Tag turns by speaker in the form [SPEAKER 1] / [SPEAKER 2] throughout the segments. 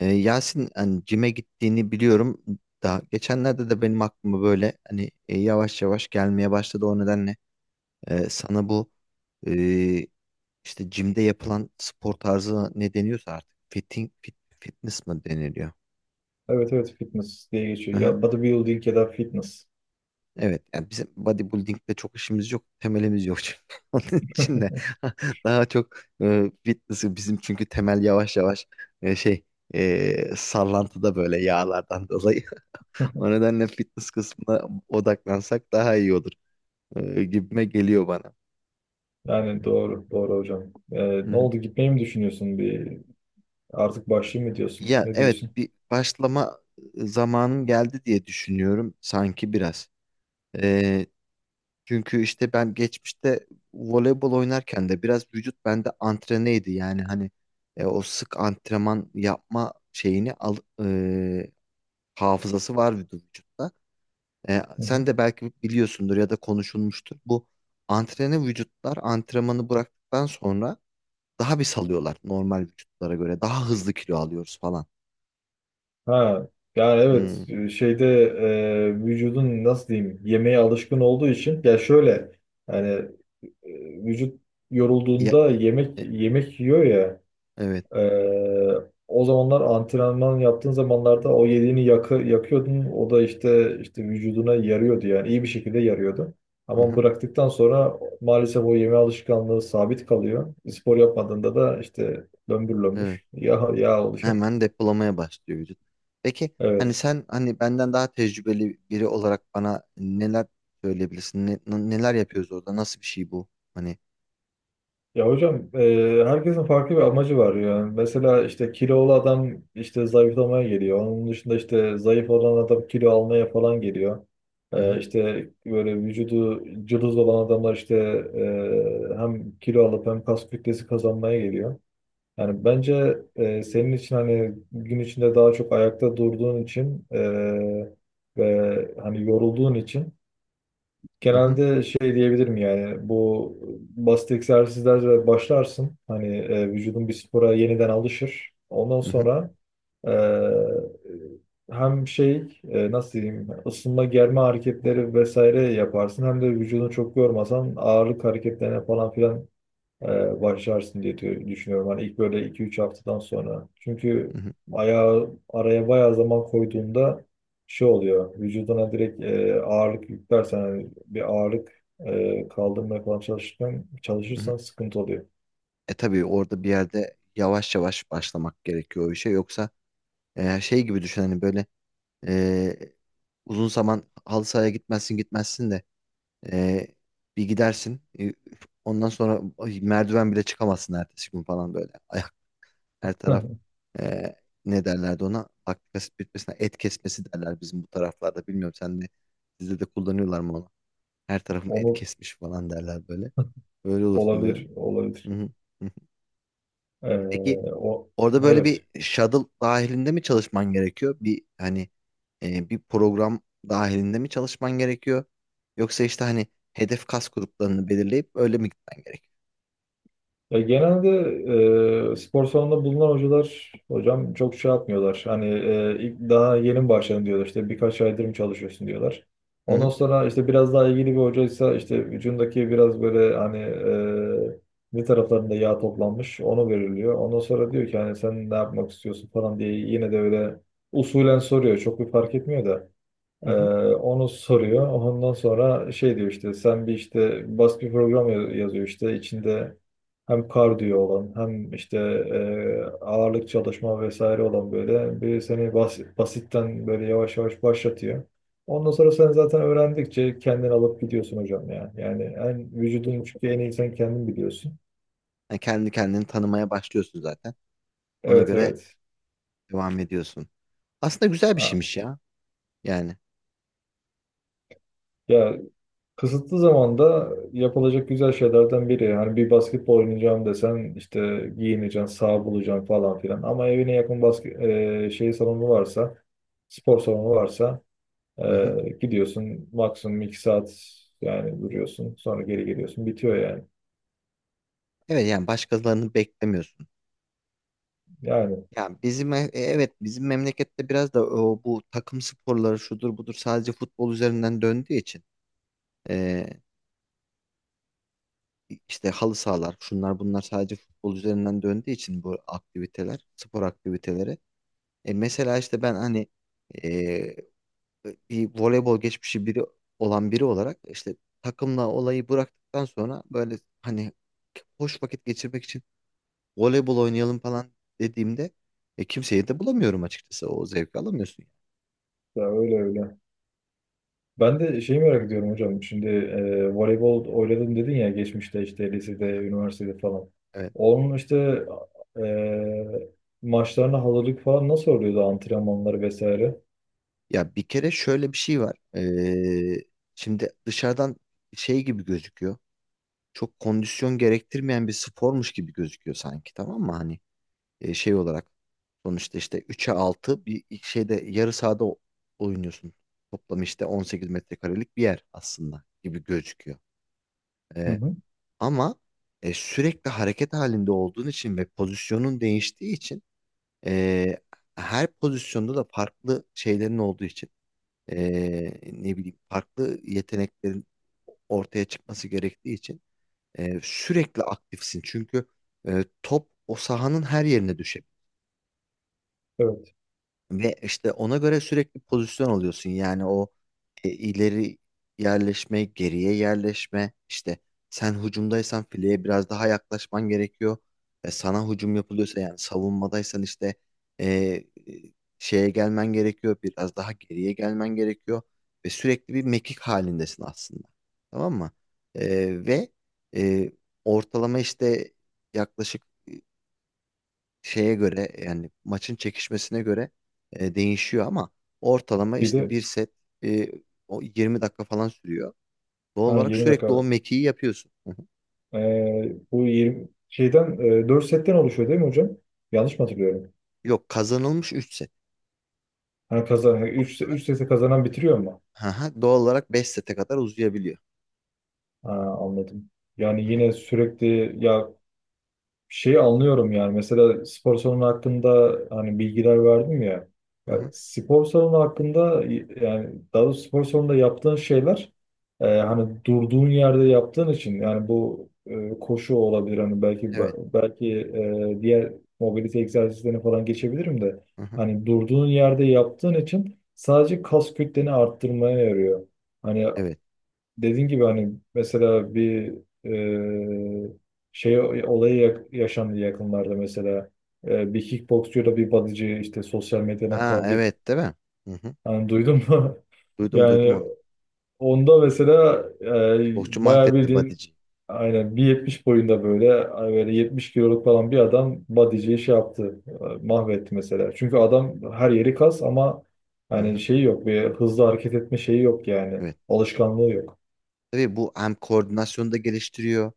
[SPEAKER 1] Yasin hani cime gittiğini biliyorum. Daha geçenlerde de benim aklıma böyle hani yavaş yavaş gelmeye başladı. O nedenle sana bu e, işte cimde yapılan spor tarzı ne deniyorsa artık fitness mı deniliyor?
[SPEAKER 2] Evet evet fitness diye geçiyor.
[SPEAKER 1] Aha,
[SPEAKER 2] Ya bodybuilding ya da fitness.
[SPEAKER 1] evet yani bizim bodybuilding'de çok işimiz yok. Temelimiz yok çünkü. Onun için de daha çok fitness'ı bizim çünkü temel yavaş yavaş şey sallantıda böyle yağlardan dolayı. O nedenle fitness kısmına odaklansak daha iyi olur, gibime geliyor bana.
[SPEAKER 2] Yani doğru doğru hocam.
[SPEAKER 1] Hı
[SPEAKER 2] Ne
[SPEAKER 1] hı.
[SPEAKER 2] oldu, gitmeyi mi düşünüyorsun, bir artık başlayayım mı diyorsun?
[SPEAKER 1] Ya
[SPEAKER 2] Ne
[SPEAKER 1] evet,
[SPEAKER 2] diyorsun?
[SPEAKER 1] bir başlama zamanım geldi diye düşünüyorum sanki biraz. Ee, Çünkü işte ben geçmişte voleybol oynarken de biraz vücut bende antreneydi. Yani hani o sık antrenman yapma şeyini e, hafızası var vücutta.
[SPEAKER 2] Hı hı.
[SPEAKER 1] Sen de belki biliyorsundur ya da konuşulmuştur. Bu antrene vücutlar antrenmanı bıraktıktan sonra daha bir salıyorlar normal vücutlara göre. Daha hızlı kilo alıyoruz falan.
[SPEAKER 2] Ha, yani
[SPEAKER 1] Hmm.
[SPEAKER 2] evet, şeyde, vücudun nasıl diyeyim, yemeğe alışkın olduğu için, ya şöyle yani, e, vücut
[SPEAKER 1] Ya,
[SPEAKER 2] yorulduğunda yemek
[SPEAKER 1] e-
[SPEAKER 2] yemek yiyor ya.
[SPEAKER 1] evet.
[SPEAKER 2] Ee, O zamanlar, antrenman yaptığın zamanlarda o yediğini yakıyordun. O da işte vücuduna yarıyordu, yani iyi bir şekilde yarıyordu. Ama
[SPEAKER 1] Hı-hı.
[SPEAKER 2] bıraktıktan sonra maalesef o yeme alışkanlığı sabit kalıyor. Spor yapmadığında da işte lömbür
[SPEAKER 1] Evet.
[SPEAKER 2] lömbür yağ oluşuyor.
[SPEAKER 1] Hemen depolamaya başlıyor vücut. Peki hani
[SPEAKER 2] Evet.
[SPEAKER 1] sen, hani benden daha tecrübeli biri olarak, bana neler söyleyebilirsin? Neler yapıyoruz orada? Nasıl bir şey bu? Hani.
[SPEAKER 2] Ya hocam, herkesin farklı bir amacı var yani. Mesela işte kilolu adam işte zayıflamaya geliyor. Onun dışında işte zayıf olan adam kilo almaya falan geliyor.
[SPEAKER 1] Hı-hı,
[SPEAKER 2] İşte böyle vücudu cılız olan adamlar işte, hem kilo alıp hem kas kütlesi kazanmaya geliyor. Yani bence senin için, hani gün içinde daha çok ayakta durduğun için ve hani yorulduğun için,
[SPEAKER 1] hı-hı,
[SPEAKER 2] genelde şey diyebilirim yani, bu basit egzersizlerle başlarsın. Hani vücudun bir spora yeniden alışır. Ondan
[SPEAKER 1] hı-hı,
[SPEAKER 2] sonra e, hem şey, nasıl diyeyim, ısınma germe hareketleri vesaire yaparsın. Hem de vücudunu çok yormasan ağırlık hareketlerine falan filan başlarsın diye düşünüyorum. Hani ilk böyle iki üç haftadan sonra. Çünkü
[SPEAKER 1] hı-hı,
[SPEAKER 2] ayağı araya bayağı zaman koyduğunda şey oluyor. Vücuduna direkt ağırlık yüklersen, hani bir ağırlık kaldırmaya falan çalışırken
[SPEAKER 1] hı-hı.
[SPEAKER 2] çalışırsan sıkıntı oluyor.
[SPEAKER 1] Tabii, orada bir yerde yavaş yavaş başlamak gerekiyor o işe. Yoksa şey gibi düşün, hani böyle, e, uzun zaman halı sahaya gitmezsin gitmezsin de Ee, bir gidersin. Ondan sonra ay, merdiven bile çıkamazsın ertesi gün falan böyle. Ayak, her taraf, e, ne derlerdi ona? Laktik asit bitmesine et kesmesi derler bizim bu taraflarda. Bilmiyorum, sen de sizde de kullanıyorlar mı onu? Her tarafım et
[SPEAKER 2] Onu,
[SPEAKER 1] kesmiş falan derler böyle. Öyle olursun böyle.
[SPEAKER 2] olabilir,
[SPEAKER 1] Hı
[SPEAKER 2] olabilir.
[SPEAKER 1] hı, hı hı.
[SPEAKER 2] E,
[SPEAKER 1] Peki,
[SPEAKER 2] O
[SPEAKER 1] orada böyle
[SPEAKER 2] evet.
[SPEAKER 1] bir shuttle dahilinde mi çalışman gerekiyor? Bir hani bir program dahilinde mi çalışman gerekiyor? Yoksa işte hani hedef kas gruplarını belirleyip öyle mi gitmen gerekiyor?
[SPEAKER 2] Ya genelde spor salonunda bulunan hocalar hocam çok şey yapmıyorlar. Hani ilk daha yeni mi başladın diyorlar. İşte birkaç aydır mı çalışıyorsun diyorlar.
[SPEAKER 1] Hı
[SPEAKER 2] Ondan
[SPEAKER 1] hı,
[SPEAKER 2] sonra işte biraz daha ilgili bir hocaysa, işte vücudundaki biraz böyle hani, bir taraflarında yağ toplanmış onu veriliyor. Ondan sonra diyor ki, hani sen ne yapmak istiyorsun falan diye, yine de öyle usulen soruyor. Çok bir fark etmiyor da.
[SPEAKER 1] hı
[SPEAKER 2] Ee,
[SPEAKER 1] hı.
[SPEAKER 2] Onu soruyor. Ondan sonra şey diyor, işte sen bir işte basit bir program yazıyor, işte içinde hem kardiyo olan hem işte ağırlık çalışma vesaire olan böyle bir, seni basitten böyle yavaş yavaş başlatıyor. Ondan sonra sen zaten öğrendikçe kendin alıp gidiyorsun hocam ya. Yani en vücudun çünkü en iyi sen kendin biliyorsun.
[SPEAKER 1] Yani kendi kendini tanımaya başlıyorsun zaten. Ona
[SPEAKER 2] Evet
[SPEAKER 1] göre
[SPEAKER 2] evet.
[SPEAKER 1] devam ediyorsun. Aslında güzel bir
[SPEAKER 2] Ha.
[SPEAKER 1] şeymiş ya. Yani.
[SPEAKER 2] Ya, kısıtlı zamanda yapılacak güzel şeylerden biri. Yani bir basketbol oynayacağım desen işte giyineceksin, saha bulacaksın falan filan. Ama evine yakın şey salonu varsa, spor salonu varsa,
[SPEAKER 1] Hı hı.
[SPEAKER 2] gidiyorsun maksimum 2 saat yani duruyorsun. Sonra geri geliyorsun. Bitiyor yani.
[SPEAKER 1] Evet, yani başkalarını beklemiyorsun.
[SPEAKER 2] Yani
[SPEAKER 1] Yani bizim, evet, bizim memlekette biraz da o, bu takım sporları şudur budur sadece futbol üzerinden döndüğü için. İşte halı sahalar, şunlar bunlar sadece futbol üzerinden döndüğü için bu aktiviteler, spor aktiviteleri. Mesela işte ben hani e, bir voleybol geçmişi biri olan biri olarak, işte takımla olayı bıraktıktan sonra böyle hani hoş vakit geçirmek için voleybol oynayalım falan dediğimde, kimseyi de bulamıyorum açıkçası. O zevki alamıyorsun yani.
[SPEAKER 2] ya, öyle öyle. Ben de şeyi merak ediyorum hocam. Şimdi voleybol oynadım dedin ya geçmişte, işte lisede, üniversitede falan.
[SPEAKER 1] Evet.
[SPEAKER 2] Onun işte maçlarına hazırlık falan nasıl oluyordu, antrenmanları vesaire?
[SPEAKER 1] Ya, bir kere şöyle bir şey var. Şimdi dışarıdan şey gibi gözüküyor. Çok kondisyon gerektirmeyen bir spormuş gibi gözüküyor sanki, tamam mı? Hani şey olarak sonuçta işte 3'e 6 bir şeyde yarı sahada oynuyorsun. Toplam işte 18 metrekarelik bir yer aslında gibi gözüküyor.
[SPEAKER 2] Hı
[SPEAKER 1] E,
[SPEAKER 2] hı.
[SPEAKER 1] Ama sürekli hareket halinde olduğun için ve pozisyonun değiştiği için, e, her pozisyonda da farklı şeylerin olduğu için, e, ne bileyim farklı yeteneklerin ortaya çıkması gerektiği için, sürekli aktifsin, çünkü top o sahanın her yerine düşebilir.
[SPEAKER 2] Evet.
[SPEAKER 1] Ve işte ona göre sürekli pozisyon alıyorsun. Yani o ileri yerleşme, geriye yerleşme. İşte sen hücumdaysan fileye biraz daha yaklaşman gerekiyor. Sana hücum yapılıyorsa, yani savunmadaysan işte, e, e, şeye gelmen gerekiyor. Biraz daha geriye gelmen gerekiyor. Ve sürekli bir mekik halindesin aslında. Tamam mı? E, ve e, Ortalama işte yaklaşık, e, şeye göre yani maçın çekişmesine göre değişiyor, ama ortalama
[SPEAKER 2] Bir
[SPEAKER 1] işte
[SPEAKER 2] de,
[SPEAKER 1] bir set e, o 20 dakika falan sürüyor. Doğal
[SPEAKER 2] ha,
[SPEAKER 1] olarak
[SPEAKER 2] 20 dakika.
[SPEAKER 1] sürekli o mekiği yapıyorsun. Hı hı.
[SPEAKER 2] Bu 20 şeyden, 4 setten oluşuyor değil mi hocam? Yanlış mı hatırlıyorum?
[SPEAKER 1] Yok, kazanılmış 3 set.
[SPEAKER 2] Ha, kazan 3 3 sete kazanan bitiriyor mu?
[SPEAKER 1] Hı hı. Doğal olarak 5 sete kadar uzayabiliyor.
[SPEAKER 2] Ha, anladım. Yani
[SPEAKER 1] Hı hı.
[SPEAKER 2] yine sürekli ya, şeyi anlıyorum yani, mesela spor salonu hakkında hani bilgiler verdim ya.
[SPEAKER 1] Hı
[SPEAKER 2] Ya
[SPEAKER 1] hı.
[SPEAKER 2] spor salonu hakkında, yani daha doğrusu spor salonunda yaptığın şeyler, hani durduğun yerde yaptığın için, yani bu koşu olabilir, hani belki
[SPEAKER 1] Evet.
[SPEAKER 2] belki diğer mobilite egzersizlerine falan geçebilirim de,
[SPEAKER 1] Hı hı.
[SPEAKER 2] hani durduğun yerde yaptığın için sadece kas kütleni arttırmaya yarıyor. Hani
[SPEAKER 1] Evet.
[SPEAKER 2] dediğin gibi, hani mesela bir e, şey olayı yaşandı yakınlarda mesela. Bir kickboksçuyla bir bodyci işte sosyal medyadan
[SPEAKER 1] Ha
[SPEAKER 2] kavga et.
[SPEAKER 1] evet, değil mi? Hı hı.
[SPEAKER 2] Hani duydun mu?
[SPEAKER 1] Duydum duydum
[SPEAKER 2] Yani
[SPEAKER 1] onu.
[SPEAKER 2] onda mesela
[SPEAKER 1] Boşçu
[SPEAKER 2] bayağı
[SPEAKER 1] mahvetti
[SPEAKER 2] bildiğin,
[SPEAKER 1] body'ciyi.
[SPEAKER 2] aynen 1,70 boyunda, böyle böyle 70 kiloluk falan bir adam bodyciyi şey yaptı, mahvetti mesela. Çünkü adam her yeri kas ama
[SPEAKER 1] Hı
[SPEAKER 2] hani
[SPEAKER 1] hı.
[SPEAKER 2] şeyi yok, bir hızlı hareket etme şeyi yok yani.
[SPEAKER 1] Evet.
[SPEAKER 2] Alışkanlığı yok.
[SPEAKER 1] Tabii, bu hem koordinasyonu da geliştiriyor.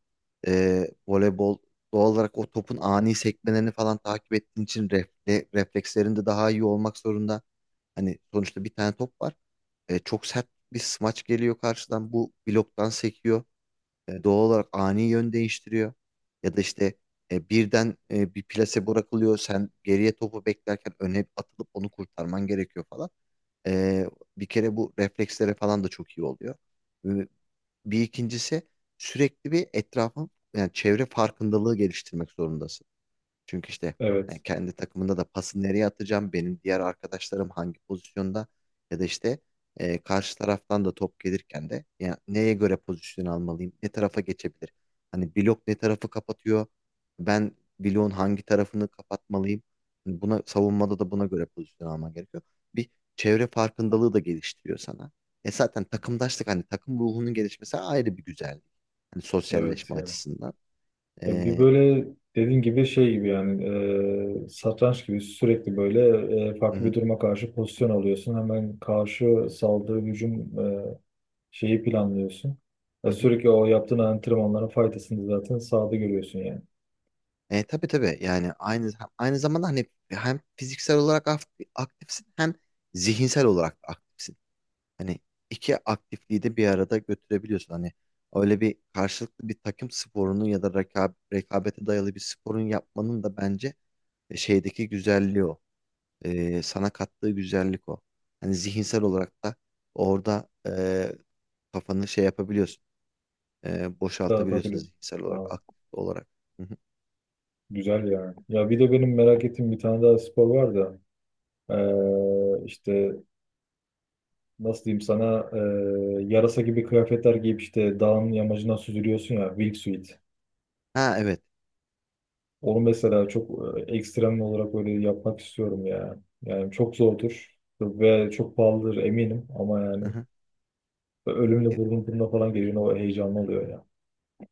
[SPEAKER 1] Voleybol, doğal olarak o topun ani sekmelerini falan takip ettiğin için, reflekslerin de daha iyi olmak zorunda. Hani sonuçta bir tane top var. Çok sert bir smaç geliyor karşıdan. Bu bloktan sekiyor. Doğal olarak ani yön değiştiriyor. Ya da işte birden bir plase bırakılıyor. Sen geriye topu beklerken öne atılıp onu kurtarman gerekiyor falan. Ee, Bir kere bu reflekslere falan da çok iyi oluyor. Bir ikincisi, sürekli bir etrafın yani çevre farkındalığı geliştirmek zorundasın. Çünkü işte
[SPEAKER 2] Evet.
[SPEAKER 1] yani kendi takımında da pası nereye atacağım, benim diğer arkadaşlarım hangi pozisyonda, ya da işte karşı taraftan da top gelirken de yani neye göre pozisyon almalıyım, ne tarafa geçebilir? Hani blok ne tarafı kapatıyor, ben bloğun hangi tarafını kapatmalıyım? Hani buna, savunmada da buna göre pozisyon alman gerekiyor. Bir çevre farkındalığı da geliştiriyor sana. Zaten takımdaşlık, hani takım ruhunun gelişmesi ayrı bir güzellik. Hani
[SPEAKER 2] Evet
[SPEAKER 1] sosyalleşme
[SPEAKER 2] yani.
[SPEAKER 1] açısından.
[SPEAKER 2] Ya bir
[SPEAKER 1] E,
[SPEAKER 2] böyle dediğin gibi, şey gibi yani, satranç gibi, sürekli böyle
[SPEAKER 1] hı
[SPEAKER 2] farklı bir
[SPEAKER 1] hı,
[SPEAKER 2] duruma karşı pozisyon alıyorsun. Hemen karşı saldığı hücum, şeyi planlıyorsun.
[SPEAKER 1] hı
[SPEAKER 2] Ya
[SPEAKER 1] hı.
[SPEAKER 2] sürekli o yaptığın antrenmanların faydasını zaten sahada görüyorsun yani.
[SPEAKER 1] Tabii tabii, yani aynı, zamanda hani hem fiziksel olarak aktifsin, hem zihinsel olarak da aktifsin. Hani iki aktifliği de bir arada götürebiliyorsun. Hani öyle bir karşılıklı bir takım sporunu ya da rekabete dayalı bir sporun yapmanın da bence, şeydeki güzelliği o. Sana kattığı güzellik o. Hani zihinsel olarak da orada kafanı şey yapabiliyorsun, boşaltabiliyorsunuz
[SPEAKER 2] Dağıtabilir.
[SPEAKER 1] zihinsel
[SPEAKER 2] Aa,
[SPEAKER 1] olarak, aktif olarak. Hı hı.
[SPEAKER 2] güzel yani. Ya bir de benim merak ettiğim bir tane daha spor var da, işte nasıl diyeyim sana, yarasa gibi kıyafetler giyip işte dağın yamacından süzülüyorsun ya, wingsuit.
[SPEAKER 1] Ha evet.
[SPEAKER 2] Onu mesela çok ekstrem olarak böyle yapmak istiyorum ya. Yani çok zordur ve çok pahalıdır eminim ama
[SPEAKER 1] Hı
[SPEAKER 2] yani,
[SPEAKER 1] hı.
[SPEAKER 2] ölümle
[SPEAKER 1] E,
[SPEAKER 2] burnun burnuna falan geliyor, o heyecanlı oluyor ya.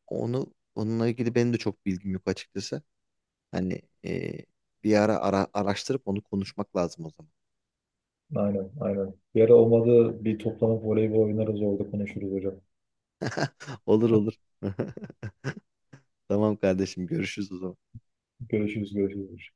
[SPEAKER 1] Onunla ilgili benim de çok bilgim yok açıkçası. Hani bir ara, araştırıp onu konuşmak lazım o zaman.
[SPEAKER 2] Aynen aynen. Bir ara olmadı bir toplanıp voleybol oynarız, orada konuşuruz hocam.
[SPEAKER 1] Olur olur. Tamam kardeşim, görüşürüz o zaman.
[SPEAKER 2] Görüşürüz görüşürüz.